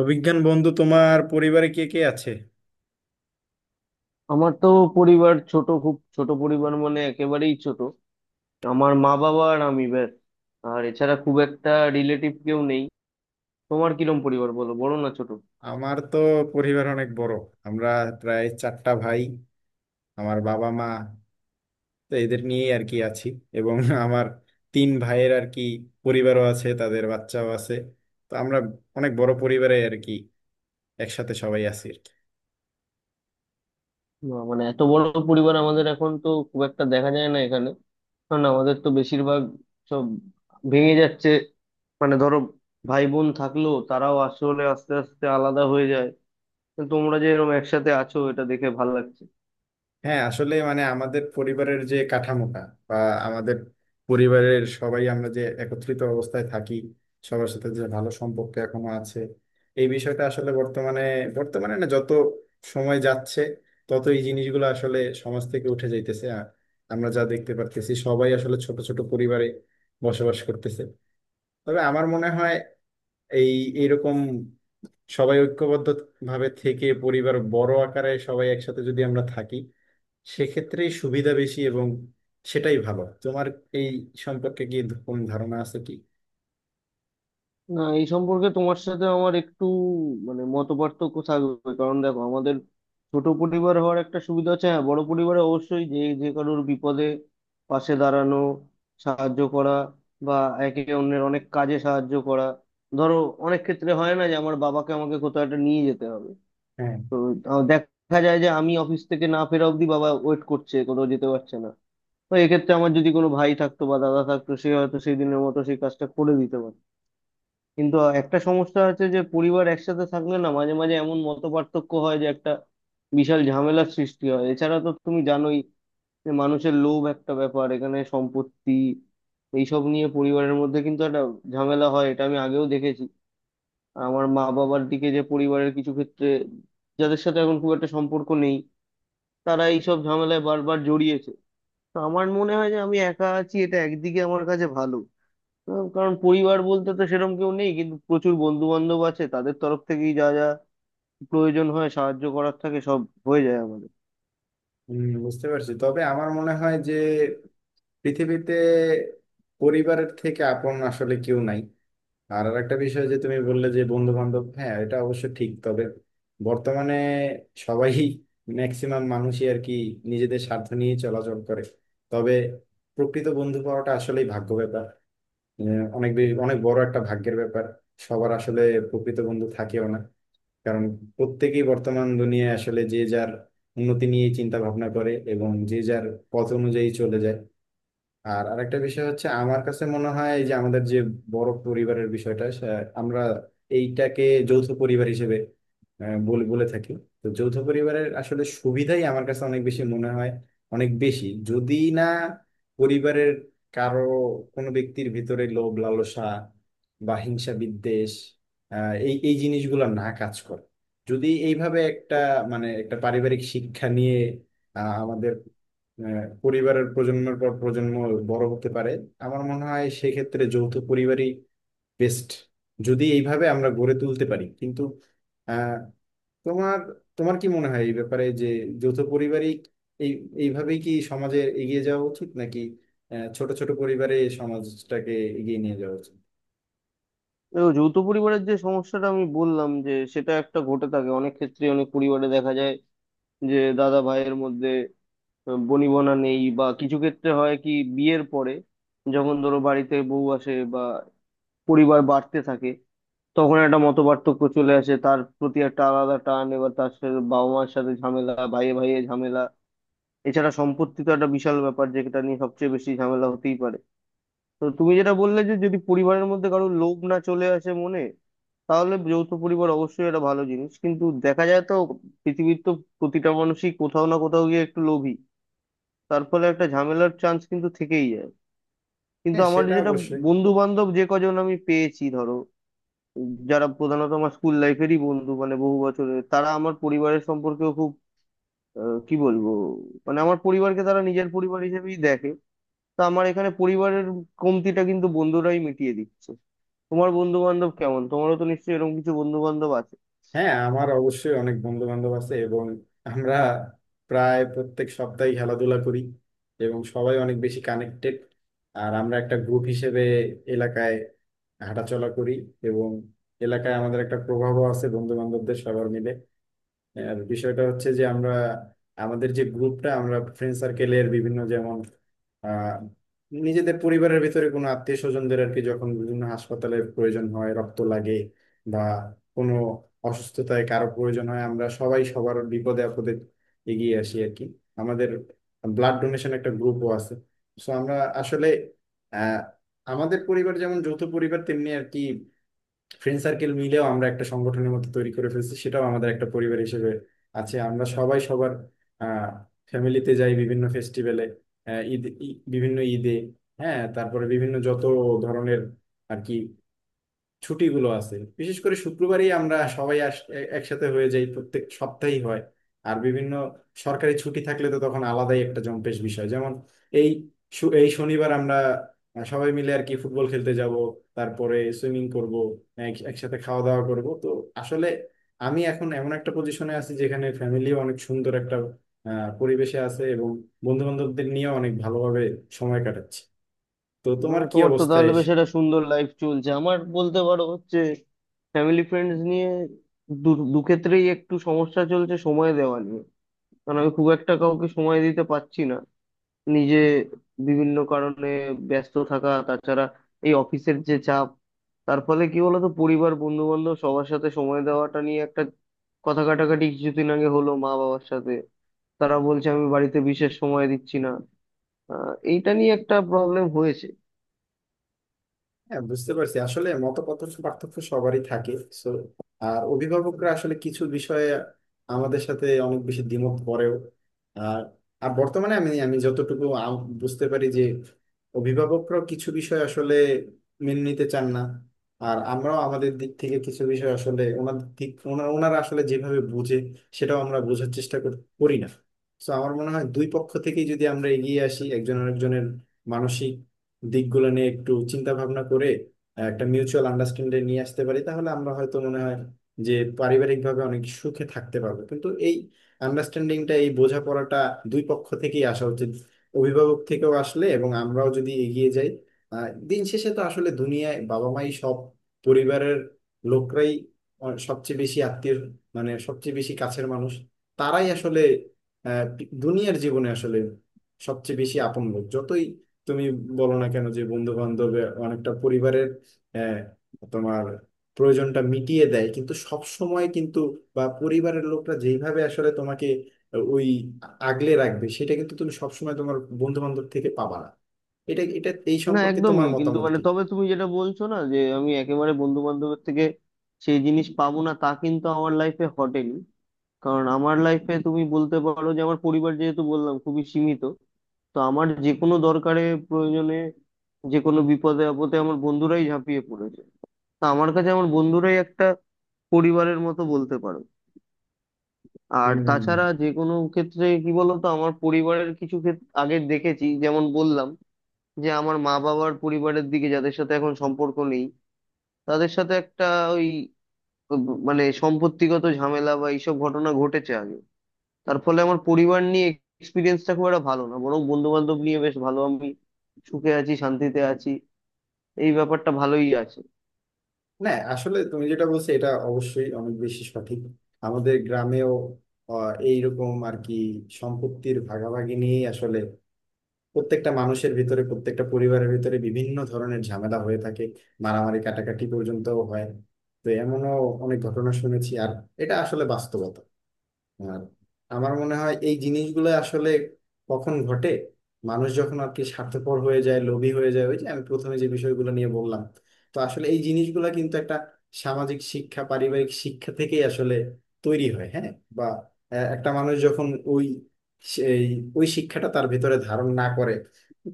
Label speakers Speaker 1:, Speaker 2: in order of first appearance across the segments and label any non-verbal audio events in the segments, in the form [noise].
Speaker 1: অভিজ্ঞান বন্ধু, তোমার পরিবারে কে কে আছে?
Speaker 2: আমার তো পরিবার ছোট, খুব ছোট পরিবার, মানে একেবারেই ছোট। আমার মা বাবা আর আমি, ব্যাস। আর এছাড়া খুব একটা রিলেটিভ কেউ নেই। তোমার কিরম পরিবার বলো, বড় না ছোট?
Speaker 1: আমার তো পরিবার অনেক বড়। আমরা প্রায় চারটা ভাই, আমার বাবা মা, তো এদের নিয়েই আর কি আছি। এবং আমার তিন ভাইয়ের আর কি পরিবারও আছে, তাদের বাচ্চাও আছে। তো আমরা অনেক বড় পরিবারে আর কি, একসাথে সবাই আছি।
Speaker 2: না, মানে এত বড় পরিবার আমাদের এখন তো খুব একটা দেখা যায় না এখানে, কারণ আমাদের তো বেশিরভাগ সব ভেঙে যাচ্ছে। মানে ধরো, ভাই বোন থাকলেও তারাও আসলে আস্তে আস্তে আলাদা হয়ে যায়। তো তোমরা যে এরকম একসাথে আছো, এটা দেখে ভালো লাগছে।
Speaker 1: হ্যাঁ আসলে মানে আমাদের পরিবারের যে কাঠামোটা, বা আমাদের পরিবারের সবাই আমরা যে একত্রিত অবস্থায় থাকি, সবার সাথে যে ভালো সম্পর্ক এখনো আছে, এই বিষয়টা আসলে বর্তমানে বর্তমানে না, যত সময় যাচ্ছে তত এই জিনিসগুলো আসলে সমাজ থেকে উঠে যাইতেছে, আর আমরা যা দেখতে পারতেছি সবাই আসলে ছোট ছোট পরিবারে বসবাস করতেছে। তবে আমার মনে হয় এই এইরকম সবাই ঐক্যবদ্ধ ভাবে থেকে পরিবার বড় আকারে সবাই একসাথে যদি আমরা থাকি, সেক্ষেত্রে সুবিধা বেশি, এবং সেটাই ভালো। তোমার এই সম্পর্কে কি কোন ধারণা আছে কি?
Speaker 2: না, এই সম্পর্কে তোমার সাথে আমার একটু মানে মত পার্থক্য থাকবে, কারণ দেখো আমাদের ছোট পরিবার হওয়ার একটা সুবিধা আছে। হ্যাঁ, বড় পরিবারে অবশ্যই যে যে কারোর বিপদে পাশে দাঁড়ানো, সাহায্য করা, বা একে অন্যের অনেক কাজে সাহায্য করা। ধরো, অনেক ক্ষেত্রে হয় না যে আমার বাবাকে আমাকে কোথাও একটা নিয়ে যেতে হবে।
Speaker 1: হ্যাঁ,
Speaker 2: তো দেখা যায় যে আমি অফিস থেকে না ফেরা অবধি বাবা ওয়েট করছে, কোথাও যেতে পারছে না। তো এক্ষেত্রে আমার যদি কোনো ভাই থাকতো বা দাদা থাকতো, সে হয়তো সেই দিনের মতো সেই কাজটা করে দিতে পারতো। কিন্তু একটা সমস্যা আছে যে পরিবার একসাথে থাকলে না মাঝে মাঝে এমন মতপার্থক্য হয় যে একটা বিশাল ঝামেলার সৃষ্টি হয়। এছাড়া তো তুমি জানোই যে মানুষের লোভ একটা ব্যাপার। এখানে সম্পত্তি এইসব নিয়ে পরিবারের মধ্যে কিন্তু একটা ঝামেলা হয়, এটা আমি আগেও দেখেছি। আর আমার মা বাবার দিকে যে পরিবারের কিছু ক্ষেত্রে, যাদের সাথে এখন খুব একটা সম্পর্ক নেই, তারা এইসব ঝামেলায় বারবার জড়িয়েছে। তো আমার মনে হয় যে আমি একা আছি, এটা একদিকে আমার কাছে ভালো, কারণ পরিবার বলতে তো সেরকম কেউ নেই, কিন্তু প্রচুর বন্ধু বান্ধব আছে। তাদের তরফ থেকেই যা যা প্রয়োজন হয়, সাহায্য করার থাকে, সব হয়ে যায় আমাদের।
Speaker 1: বুঝতে পারছি, তবে আমার মনে হয় যে পৃথিবীতে পরিবারের থেকে আপন আসলে কেউ নাই। আর আরেকটা বিষয়, যে তুমি বললে যে বন্ধু বান্ধব, হ্যাঁ এটা অবশ্য ঠিক, তবে বর্তমানে সবাই ম্যাক্সিমাম মানুষই আর কি নিজেদের স্বার্থ নিয়ে চলাচল করে। তবে প্রকৃত বন্ধু পাওয়াটা আসলেই ভাগ্য ব্যাপার, যে অনেক বড় একটা ভাগ্যের ব্যাপার। সবার আসলে প্রকৃত বন্ধু থাকেও না, কারণ প্রত্যেকেই বর্তমান দুনিয়ায় আসলে যে যার উন্নতি নিয়ে চিন্তা ভাবনা করে এবং যে যার পথ অনুযায়ী চলে যায়। আর আরেকটা বিষয় হচ্ছে, আমার কাছে মনে হয় এই যে আমাদের যে বড় পরিবারের বিষয়টা, আমরা এইটাকে যৌথ পরিবার হিসেবে বলে বলে থাকি। তো যৌথ পরিবারের আসলে সুবিধাই আমার কাছে অনেক বেশি মনে হয়, অনেক বেশি, যদি না পরিবারের কারো, কোনো ব্যক্তির ভিতরে লোভ লালসা বা হিংসা বিদ্বেষ, এই এই জিনিসগুলো না কাজ করে। যদি এইভাবে একটা, মানে একটা পারিবারিক শিক্ষা নিয়ে আমাদের পরিবারের প্রজন্মের পর প্রজন্ম বড় হতে পারে, আমার মনে হয় সেক্ষেত্রে যৌথ পরিবারই বেস্ট, যদি এইভাবে আমরা গড়ে তুলতে পারি। কিন্তু আহ, তোমার তোমার কি মনে হয় এই ব্যাপারে, যে যৌথ পরিবারই, এই এইভাবেই কি সমাজে এগিয়ে যাওয়া উচিত, নাকি ছোট ছোট পরিবারে সমাজটাকে এগিয়ে নিয়ে যাওয়া উচিত?
Speaker 2: দেখো, যৌথ পরিবারের যে সমস্যাটা আমি বললাম, যে সেটা একটা ঘটে থাকে অনেক ক্ষেত্রে, অনেক পরিবারে দেখা যায় যে দাদা ভাইয়ের মধ্যে বনিবনা নেই, বা কিছু ক্ষেত্রে হয় কি বিয়ের পরে যখন ধরো বাড়িতে বউ আসে বা পরিবার বাড়তে থাকে, তখন একটা মতপার্থক্য চলে আসে। তার প্রতি একটা আলাদা টান, এবার তার সাথে বাবা মার সাথে ঝামেলা, ভাইয়ে ভাইয়ে ঝামেলা। এছাড়া সম্পত্তি তো একটা বিশাল ব্যাপার, যেটা নিয়ে সবচেয়ে বেশি ঝামেলা হতেই পারে। তো তুমি যেটা বললে যে যদি পরিবারের মধ্যে কারো লোভ না চলে আসে মনে, তাহলে যৌথ পরিবার অবশ্যই একটা ভালো জিনিস। কিন্তু দেখা যায় তো পৃথিবীর তো প্রতিটা মানুষই কোথাও না কোথাও গিয়ে একটু লোভী, তার ফলে একটা ঝামেলার চান্স কিন্তু থেকেই যায়। কিন্তু
Speaker 1: হ্যাঁ,
Speaker 2: আমার
Speaker 1: সেটা
Speaker 2: যেটা,
Speaker 1: অবশ্যই।
Speaker 2: বন্ধু বান্ধব যে কজন আমি পেয়েছি ধরো, যারা প্রধানত আমার স্কুল লাইফেরই বন্ধু, মানে বহু বছরের, তারা আমার পরিবারের সম্পর্কেও খুব কি বলবো, মানে আমার পরিবারকে তারা নিজের পরিবার হিসেবেই দেখে। তা আমার এখানে পরিবারের কমতিটা কিন্তু বন্ধুরাই মিটিয়ে দিচ্ছে। তোমার বন্ধু বান্ধব কেমন? তোমারও তো নিশ্চয়ই এরকম কিছু বন্ধু বান্ধব আছে।
Speaker 1: হ্যাঁ, আমার অবশ্যই অনেক বন্ধু বান্ধব আছে, এবং আমরা প্রায় প্রত্যেক সপ্তাহে খেলাধুলা করি, এবং সবাই অনেক বেশি কানেক্টেড। আর আমরা একটা গ্রুপ হিসেবে এলাকায় হাঁটাচলা করি, এবং এলাকায় আমাদের একটা প্রভাবও আছে বন্ধু বান্ধবদের সবার মিলে। আর বিষয়টা হচ্ছে যে আমরা, আমাদের যে গ্রুপটা, আমরা ফ্রেন্ড সার্কেলের বিভিন্ন যেমন আহ নিজেদের পরিবারের ভিতরে কোনো আত্মীয় স্বজনদের আর কি, যখন বিভিন্ন হাসপাতালের প্রয়োজন হয়, রক্ত লাগে বা কোনো অসুস্থতায় কারো প্রয়োজন হয়, আমরা সবাই সবার বিপদে আপদে এগিয়ে আসি আর কি। আমাদের ব্লাড ডোনেশন একটা গ্রুপও আছে। সো আমরা আসলে আহ আমাদের পরিবার যেমন যৌথ পরিবার, তেমনি আর কি ফ্রেন্ড সার্কেল মিলেও আমরা একটা সংগঠনের মতো তৈরি করে ফেলছি, সেটাও আমাদের একটা পরিবার হিসেবে আছে। আমরা সবাই সবার আহ ফ্যামিলিতে যাই বিভিন্ন ফেস্টিভ্যালে, বিভিন্ন ঈদে, হ্যাঁ, তারপরে বিভিন্ন যত ধরনের আর কি ছুটিগুলো আছে। বিশেষ করে শুক্রবারই আমরা সবাই একসাথে হয়ে যাই, প্রত্যেক সপ্তাহেই হয়। আর বিভিন্ন সরকারি ছুটি থাকলে তো তখন আলাদাই একটা জম্পেশ বিষয়, যেমন এই এই শনিবার আমরা সবাই মিলে আর কি ফুটবল খেলতে যাব, তারপরে সুইমিং করব, একসাথে খাওয়া দাওয়া করব। তো আসলে আমি এখন এমন একটা পজিশনে আছি যেখানে ফ্যামিলি অনেক সুন্দর একটা পরিবেশে আছে, এবং বন্ধু বান্ধবদের নিয়ে অনেক ভালোভাবে সময় কাটাচ্ছি। তো তোমার
Speaker 2: মানে
Speaker 1: কি
Speaker 2: তোমার তো
Speaker 1: অবস্থা?
Speaker 2: তাহলে বেশ একটা সুন্দর লাইফ চলছে। আমার বলতে পারো হচ্ছে ফ্যামিলি ফ্রেন্ডস নিয়ে দু দু ক্ষেত্রেই একটু সমস্যা চলছে সময় দেওয়া নিয়ে। কারণ আমি খুব একটা কাউকে সময় দিতে পারছি না, নিজে বিভিন্ন কারণে ব্যস্ত থাকা। তাছাড়া এই অফিসের যে চাপ, তার ফলে কি বলতো পরিবার বন্ধু বান্ধব সবার সাথে সময় দেওয়াটা নিয়ে একটা কথা কাটাকাটি কিছুদিন আগে হলো মা বাবার সাথে। তারা বলছে আমি বাড়িতে বিশেষ সময় দিচ্ছি না। এইটা নিয়ে একটা প্রবলেম হয়েছে।
Speaker 1: হ্যাঁ, বুঝতে পারছি, আসলে মতপার্থক্য পার্থক্য সবারই থাকে। So, আর অভিভাবকরা আসলে কিছু বিষয়ে আমাদের সাথে অনেক বেশি দ্বিমত করেও, আর আর বর্তমানে আমি আমি যতটুকু বুঝতে পারি যে অভিভাবকরাও কিছু বিষয় আসলে মেনে নিতে চান না, আর আমরাও আমাদের দিক থেকে কিছু বিষয় আসলে ওনারা আসলে যেভাবে বুঝে সেটাও আমরা বোঝার চেষ্টা করি না। তো আমার মনে হয় দুই পক্ষ থেকেই যদি আমরা এগিয়ে আসি, একজন আরেকজনের মানসিক দিকগুলো নিয়ে একটু চিন্তা ভাবনা করে একটা মিউচুয়াল আন্ডারস্ট্যান্ডিং নিয়ে আসতে পারি, তাহলে আমরা হয়তো, মনে হয় যে পারিবারিকভাবে অনেক সুখে থাকতে পারবো। কিন্তু এই আন্ডারস্ট্যান্ডিংটা, এই বোঝাপড়াটা দুই পক্ষ থেকেই আসা উচিত, অভিভাবক থেকেও আসলে, এবং আমরাও যদি এগিয়ে যাই। দিন শেষে তো আসলে দুনিয়ায় বাবা মাই সব, পরিবারের লোকরাই সবচেয়ে বেশি আত্মীয়, মানে সবচেয়ে বেশি কাছের মানুষ, তারাই আসলে আহ, দুনিয়ার জীবনে আসলে সবচেয়ে বেশি আপন লোক। যতই তুমি বলো না কেন যে বন্ধু বান্ধবে অনেকটা পরিবারের আহ, তোমার প্রয়োজনটা মিটিয়ে দেয়, কিন্তু সব সময় কিন্তু, বা পরিবারের লোকরা যেইভাবে আসলে তোমাকে ওই আগলে রাখবে, সেটা কিন্তু তুমি সবসময় তোমার বন্ধু বান্ধব থেকে পাবা না। এটা এটা এই
Speaker 2: না,
Speaker 1: সম্পর্কে তোমার
Speaker 2: একদমই কিন্তু
Speaker 1: মতামত
Speaker 2: মানে,
Speaker 1: কি?
Speaker 2: তবে তুমি যেটা বলছো না যে আমি একেবারে বন্ধু বান্ধবের থেকে সেই জিনিস পাবো না, তা কিন্তু আমার লাইফে ঘটেনি। কারণ আমার লাইফে তুমি বলতে পারো যে আমার পরিবার, যেহেতু বললাম, খুবই সীমিত। তো আমার যে কোনো দরকারে, প্রয়োজনে, যে কোনো বিপদে আপদে আমার বন্ধুরাই ঝাঁপিয়ে পড়েছে। তা আমার কাছে আমার বন্ধুরাই একটা পরিবারের মতো, বলতে পারো। আর
Speaker 1: হুম হুম, হুম।
Speaker 2: তাছাড়া যে কোনো ক্ষেত্রে কি বলতো, আমার পরিবারের কিছু ক্ষেত্রে আগে দেখেছি যেমন বললাম, যে আমার মা বাবার পরিবারের দিকে যাদের সাথে এখন সম্পর্ক নেই, তাদের সাথে একটা ওই মানে সম্পত্তিগত ঝামেলা বা এইসব ঘটনা ঘটেছে আগে। তার ফলে আমার পরিবার নিয়ে এক্সপিরিয়েন্সটা খুব একটা ভালো না, বরং বন্ধু বান্ধব নিয়ে বেশ ভালো। আমি সুখে আছি, শান্তিতে আছি, এই ব্যাপারটা ভালোই আছে।
Speaker 1: না আসলে তুমি যেটা বলছো, এটা অবশ্যই অনেক বেশি সঠিক। আমাদের গ্রামেও এইরকম আর কি সম্পত্তির ভাগাভাগি নিয়ে আসলে প্রত্যেকটা মানুষের ভিতরে, প্রত্যেকটা পরিবারের ভিতরে বিভিন্ন ধরনের ঝামেলা হয়ে থাকে, মারামারি কাটাকাটি পর্যন্তও হয়। তো এমনও অনেক ঘটনা শুনেছি, আর এটা আসলে বাস্তবতা। আর আমার মনে হয় এই জিনিসগুলো আসলে কখন ঘটে, মানুষ যখন আর কি স্বার্থপর হয়ে যায়, লোভী হয়ে যায়, ওই যে আমি প্রথমে যে বিষয়গুলো নিয়ে বললাম। তো আসলে এই জিনিসগুলো কিন্তু একটা সামাজিক শিক্ষা, পারিবারিক শিক্ষা থেকেই আসলে তৈরি হয়, হ্যাঁ, বা একটা মানুষ যখন ওই, সেই ওই শিক্ষাটা তার ভেতরে ধারণ না করে,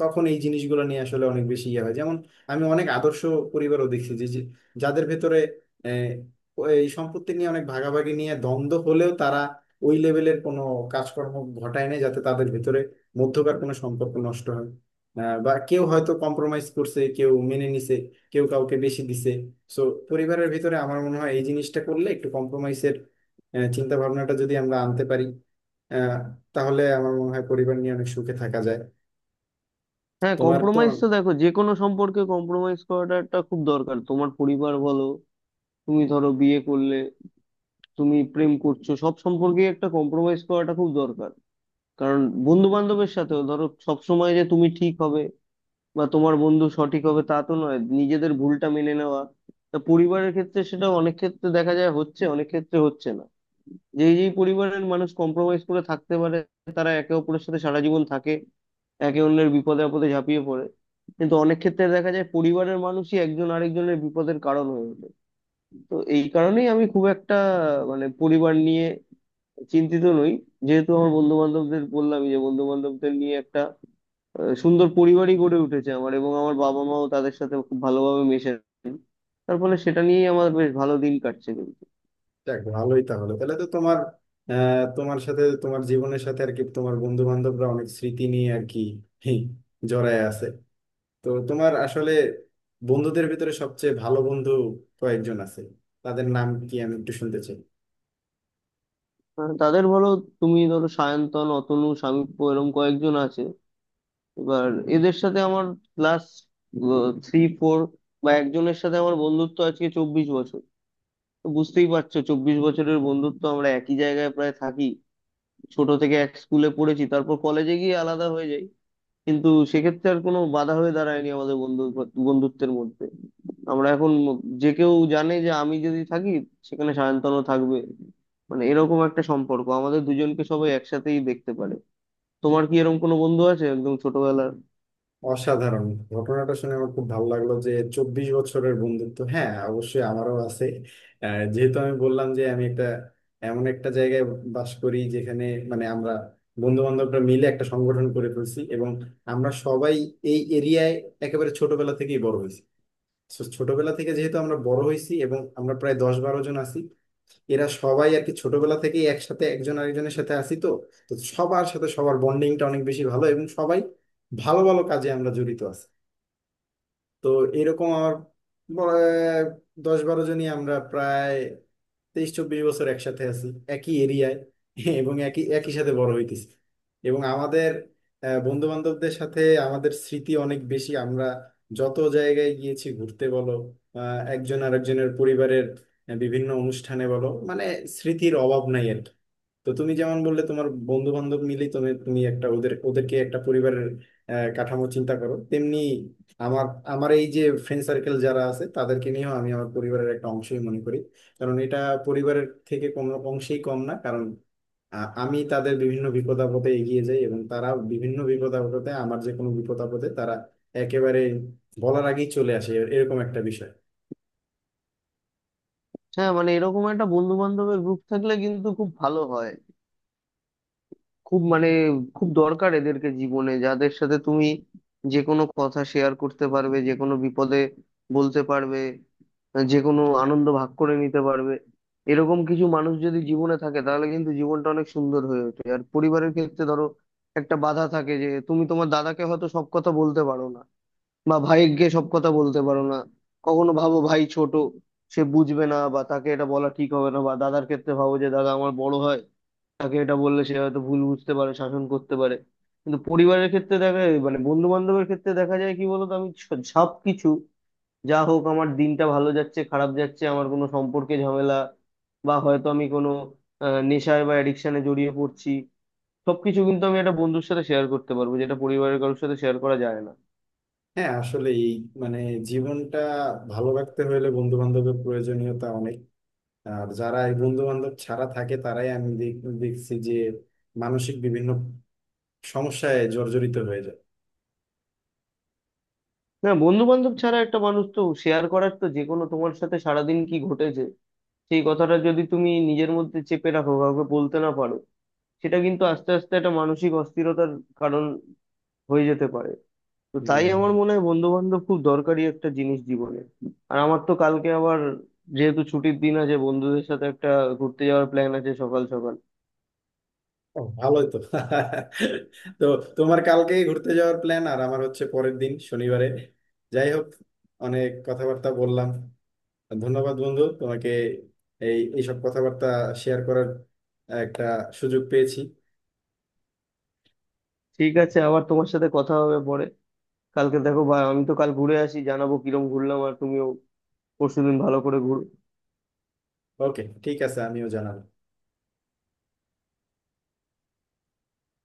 Speaker 1: তখন এই জিনিসগুলো নিয়ে আসলে অনেক বেশি ইয়ে হয়। যেমন আমি অনেক আদর্শ পরিবারও দেখছি, যে যে- যাদের ভেতরে আহ, এই সম্পত্তি নিয়ে অনেক ভাগাভাগি নিয়ে দ্বন্দ্ব হলেও, তারা ওই লেভেলের কোনো কাজকর্ম ঘটায় না যাতে তাদের ভিতরে মধ্যকার কোনো সম্পর্ক নষ্ট হয়, বা কেউ হয়তো কম্প্রোমাইজ করছে, কেউ মেনে নিছে, কেউ কাউকে বেশি দিছে। সো পরিবারের ভিতরে আমার মনে হয় এই জিনিসটা করলে, একটু কম্প্রোমাইজের চিন্তা ভাবনাটা যদি আমরা আনতে পারি, আহ, তাহলে আমার মনে হয় পরিবার নিয়ে অনেক সুখে থাকা যায়।
Speaker 2: হ্যাঁ,
Speaker 1: তোমার তো?
Speaker 2: কম্প্রোমাইজ তো দেখো যে কোনো সম্পর্কে কম্প্রোমাইজ করাটা একটা খুব দরকার। তোমার পরিবার বলো, তুমি ধরো বিয়ে করলে, তুমি প্রেম করছো, সব সম্পর্কেই একটা কম্প্রোমাইজ করাটা খুব দরকার। কারণ বন্ধু বান্ধবের সাথেও ধরো সব সময় যে তুমি ঠিক হবে বা তোমার বন্ধু সঠিক হবে তা তো নয়, নিজেদের ভুলটা মেনে নেওয়া। তা পরিবারের ক্ষেত্রে সেটা অনেক ক্ষেত্রে দেখা যায় হচ্ছে, অনেক ক্ষেত্রে হচ্ছে না। যেই যেই পরিবারের মানুষ কম্প্রোমাইজ করে থাকতে পারে, তারা একে অপরের সাথে সারা জীবন থাকে, একে অন্যের বিপদে আপদে ঝাঁপিয়ে পড়ে। কিন্তু অনেক ক্ষেত্রে দেখা যায় পরিবারের মানুষই একজন আরেকজনের বিপদের কারণ হয়ে ওঠে। তো এই কারণেই আমি খুব একটা মানে পরিবার নিয়ে চিন্তিত নই, যেহেতু আমার বন্ধু বান্ধবদের বললামই যে বন্ধু বান্ধবদের নিয়ে একটা সুন্দর পরিবারই গড়ে উঠেছে আমার, এবং আমার বাবা মাও তাদের সাথে খুব ভালোভাবে মেশে। তার ফলে সেটা নিয়েই আমার বেশ ভালো দিন কাটছে কিন্তু।
Speaker 1: যাক, ভালোই তাহলে। তো তোমার, তোমার সাথে, তোমার জীবনের সাথে আর কি তোমার বন্ধু বান্ধবরা অনেক স্মৃতি নিয়ে আর কি হি, জড়ায় আছে। তো তোমার আসলে বন্ধুদের ভিতরে সবচেয়ে ভালো বন্ধু কয়েকজন আছে, তাদের নাম কি আমি একটু শুনতে চাই।
Speaker 2: তাদের বলো, তুমি ধরো সায়ন্তন, অতনু, শামীপ্য, এরকম কয়েকজন আছে। এবার এদের সাথে আমার ক্লাস থ্রি ফোর, বা একজনের সাথে আমার বন্ধুত্ব আজকে 24 বছর। তো বুঝতেই পারছো, 24 বছরের বন্ধুত্ব। আমরা একই জায়গায় প্রায় থাকি, ছোট থেকে এক স্কুলে পড়েছি, তারপর কলেজে গিয়ে আলাদা হয়ে যাই। কিন্তু সেক্ষেত্রে আর কোনো বাধা হয়ে দাঁড়ায়নি আমাদের বন্ধুত্বের মধ্যে। আমরা এখন, যে কেউ জানে যে আমি যদি থাকি সেখানে সায়ন্তনও থাকবে। মানে এরকম একটা সম্পর্ক, আমাদের দুজনকে সবাই একসাথেই দেখতে পারে। তোমার কি এরকম কোনো বন্ধু আছে একদম ছোটবেলার?
Speaker 1: অসাধারণ, ঘটনাটা শুনে আমার খুব ভালো লাগলো যে 24 বছরের বন্ধুত্ব। হ্যাঁ, অবশ্যই আমারও আছে। যেহেতু আমি বললাম যে আমি একটা এমন একটা জায়গায় বাস করি যেখানে, মানে আমরা বন্ধু বান্ধবরা মিলে একটা সংগঠন করে ফেলছি, এবং আমরা সবাই এই এরিয়ায় একেবারে ছোটবেলা থেকেই বড় হয়েছি। So, ছোটবেলা থেকে যেহেতু আমরা বড় হয়েছি এবং আমরা প্রায় 10-12 জন আছি, এরা সবাই আর কি ছোটবেলা থেকেই একসাথে একজন আরেকজনের সাথে আসি তো। তো সবার সাথে সবার বন্ডিংটা অনেক বেশি ভালো, এবং সবাই ভালো ভালো কাজে আমরা জড়িত আছি। তো এরকম আমার বলা- 10-12 জনই আমরা প্রায় 23-24 বছর একসাথে আছি, একই এরিয়ায়, এবং একই একই সাথে বড় হইতেছি। এবং আমাদের বন্ধু বান্ধবদের সাথে আমাদের স্মৃতি অনেক বেশি। আমরা যত জায়গায় গিয়েছি ঘুরতে বলো, একজন আরেকজনের পরিবারের বিভিন্ন অনুষ্ঠানে বলো, মানে স্মৃতির অভাব নাই আর কি। তো তুমি যেমন বললে, তোমার বন্ধু বান্ধব মিলেই তুমি, একটা ওদেরকে একটা পরিবারের কাঠামো চিন্তা করো, তেমনি আমার, এই যে ফ্রেন্ড সার্কেল যারা আছে তাদেরকে নিয়েও আমি আমার পরিবারের একটা অংশই মনে করি, কারণ এটা পরিবারের থেকে কোনো অংশেই কম না। কারণ আমি তাদের বিভিন্ন বিপদ আপদে এগিয়ে যাই, এবং তারা বিভিন্ন বিপদ আপদে, আমার যে কোনো বিপদ আপদে তারা একেবারে বলার আগেই চলে আসে, এরকম একটা বিষয়।
Speaker 2: হ্যাঁ, মানে এরকম একটা বন্ধু বান্ধবের গ্রুপ থাকলে কিন্তু খুব ভালো হয়। খুব মানে, খুব দরকার এদেরকে জীবনে, যাদের সাথে তুমি যে কোনো কথা শেয়ার করতে পারবে, যে কোনো বিপদে বলতে পারবে, যে কোনো আনন্দ ভাগ করে নিতে পারবে। এরকম কিছু মানুষ যদি জীবনে থাকে তাহলে কিন্তু জীবনটা অনেক সুন্দর হয়ে ওঠে। আর পরিবারের ক্ষেত্রে ধরো, একটা বাধা থাকে যে তুমি তোমার দাদাকে হয়তো সব কথা বলতে পারো না, বা ভাইকে সব কথা বলতে পারো না। কখনো ভাবো, ভাই ছোট, সে বুঝবে না, বা তাকে এটা বলা ঠিক হবে না। বা দাদার ক্ষেত্রে ভাবো যে দাদা আমার বড় হয়, তাকে এটা বললে সে হয়তো ভুল বুঝতে পারে, শাসন করতে পারে। কিন্তু পরিবারের ক্ষেত্রে দেখা, মানে বন্ধু বান্ধবের ক্ষেত্রে দেখা যায় কি বলতো, আমি সব কিছু, যা হোক আমার দিনটা ভালো যাচ্ছে, খারাপ যাচ্ছে, আমার কোনো সম্পর্কে ঝামেলা, বা হয়তো আমি কোনো নেশায় বা অ্যাডিকশনে জড়িয়ে পড়ছি, সবকিছু কিন্তু আমি একটা বন্ধুর সাথে শেয়ার করতে পারবো, যেটা পরিবারের কারোর সাথে শেয়ার করা যায় না।
Speaker 1: হ্যাঁ আসলে এই, মানে জীবনটা ভালো রাখতে হলে বন্ধু বান্ধবের প্রয়োজনীয়তা অনেক। আর যারা এই বন্ধু বান্ধব ছাড়া থাকে, তারাই আমি দেখছি যে মানসিক বিভিন্ন সমস্যায় জর্জরিত হয়ে যায়।
Speaker 2: না, বন্ধু বান্ধব ছাড়া একটা মানুষ তো শেয়ার করার তো, যে কোনো তোমার সাথে সারাদিন কি ঘটেছে, সেই কথাটা যদি তুমি নিজের মধ্যে চেপে রাখো, কাউকে বলতে না পারো, সেটা কিন্তু আস্তে আস্তে একটা মানসিক অস্থিরতার কারণ হয়ে যেতে পারে। তো তাই
Speaker 1: হম।
Speaker 2: আমার মনে হয় বন্ধু বান্ধব খুব দরকারি একটা জিনিস জীবনে। আর আমার তো কালকে আবার, যেহেতু ছুটির দিন আছে, বন্ধুদের সাথে একটা ঘুরতে যাওয়ার প্ল্যান আছে সকাল সকাল।
Speaker 1: ও, ভালোই তো। [laughs] তো তোমার কালকে ঘুরতে যাওয়ার প্ল্যান, আর আমার হচ্ছে পরের দিন শনিবারে। যাই হোক, অনেক কথাবার্তা বললাম। ধন্যবাদ বন্ধু তোমাকে, এইসব কথাবার্তা শেয়ার করার একটা সুযোগ পেয়েছি।
Speaker 2: ঠিক আছে, আবার তোমার সাথে কথা হবে পরে। কালকে দেখো, বা আমি তো কাল ঘুরে আসি, জানাবো কিরম ঘুরলাম, আর তুমিও পরশুদিন ভালো করে ঘুরো।
Speaker 1: ওকে, ঠিক আছে, আমিও জানাবো।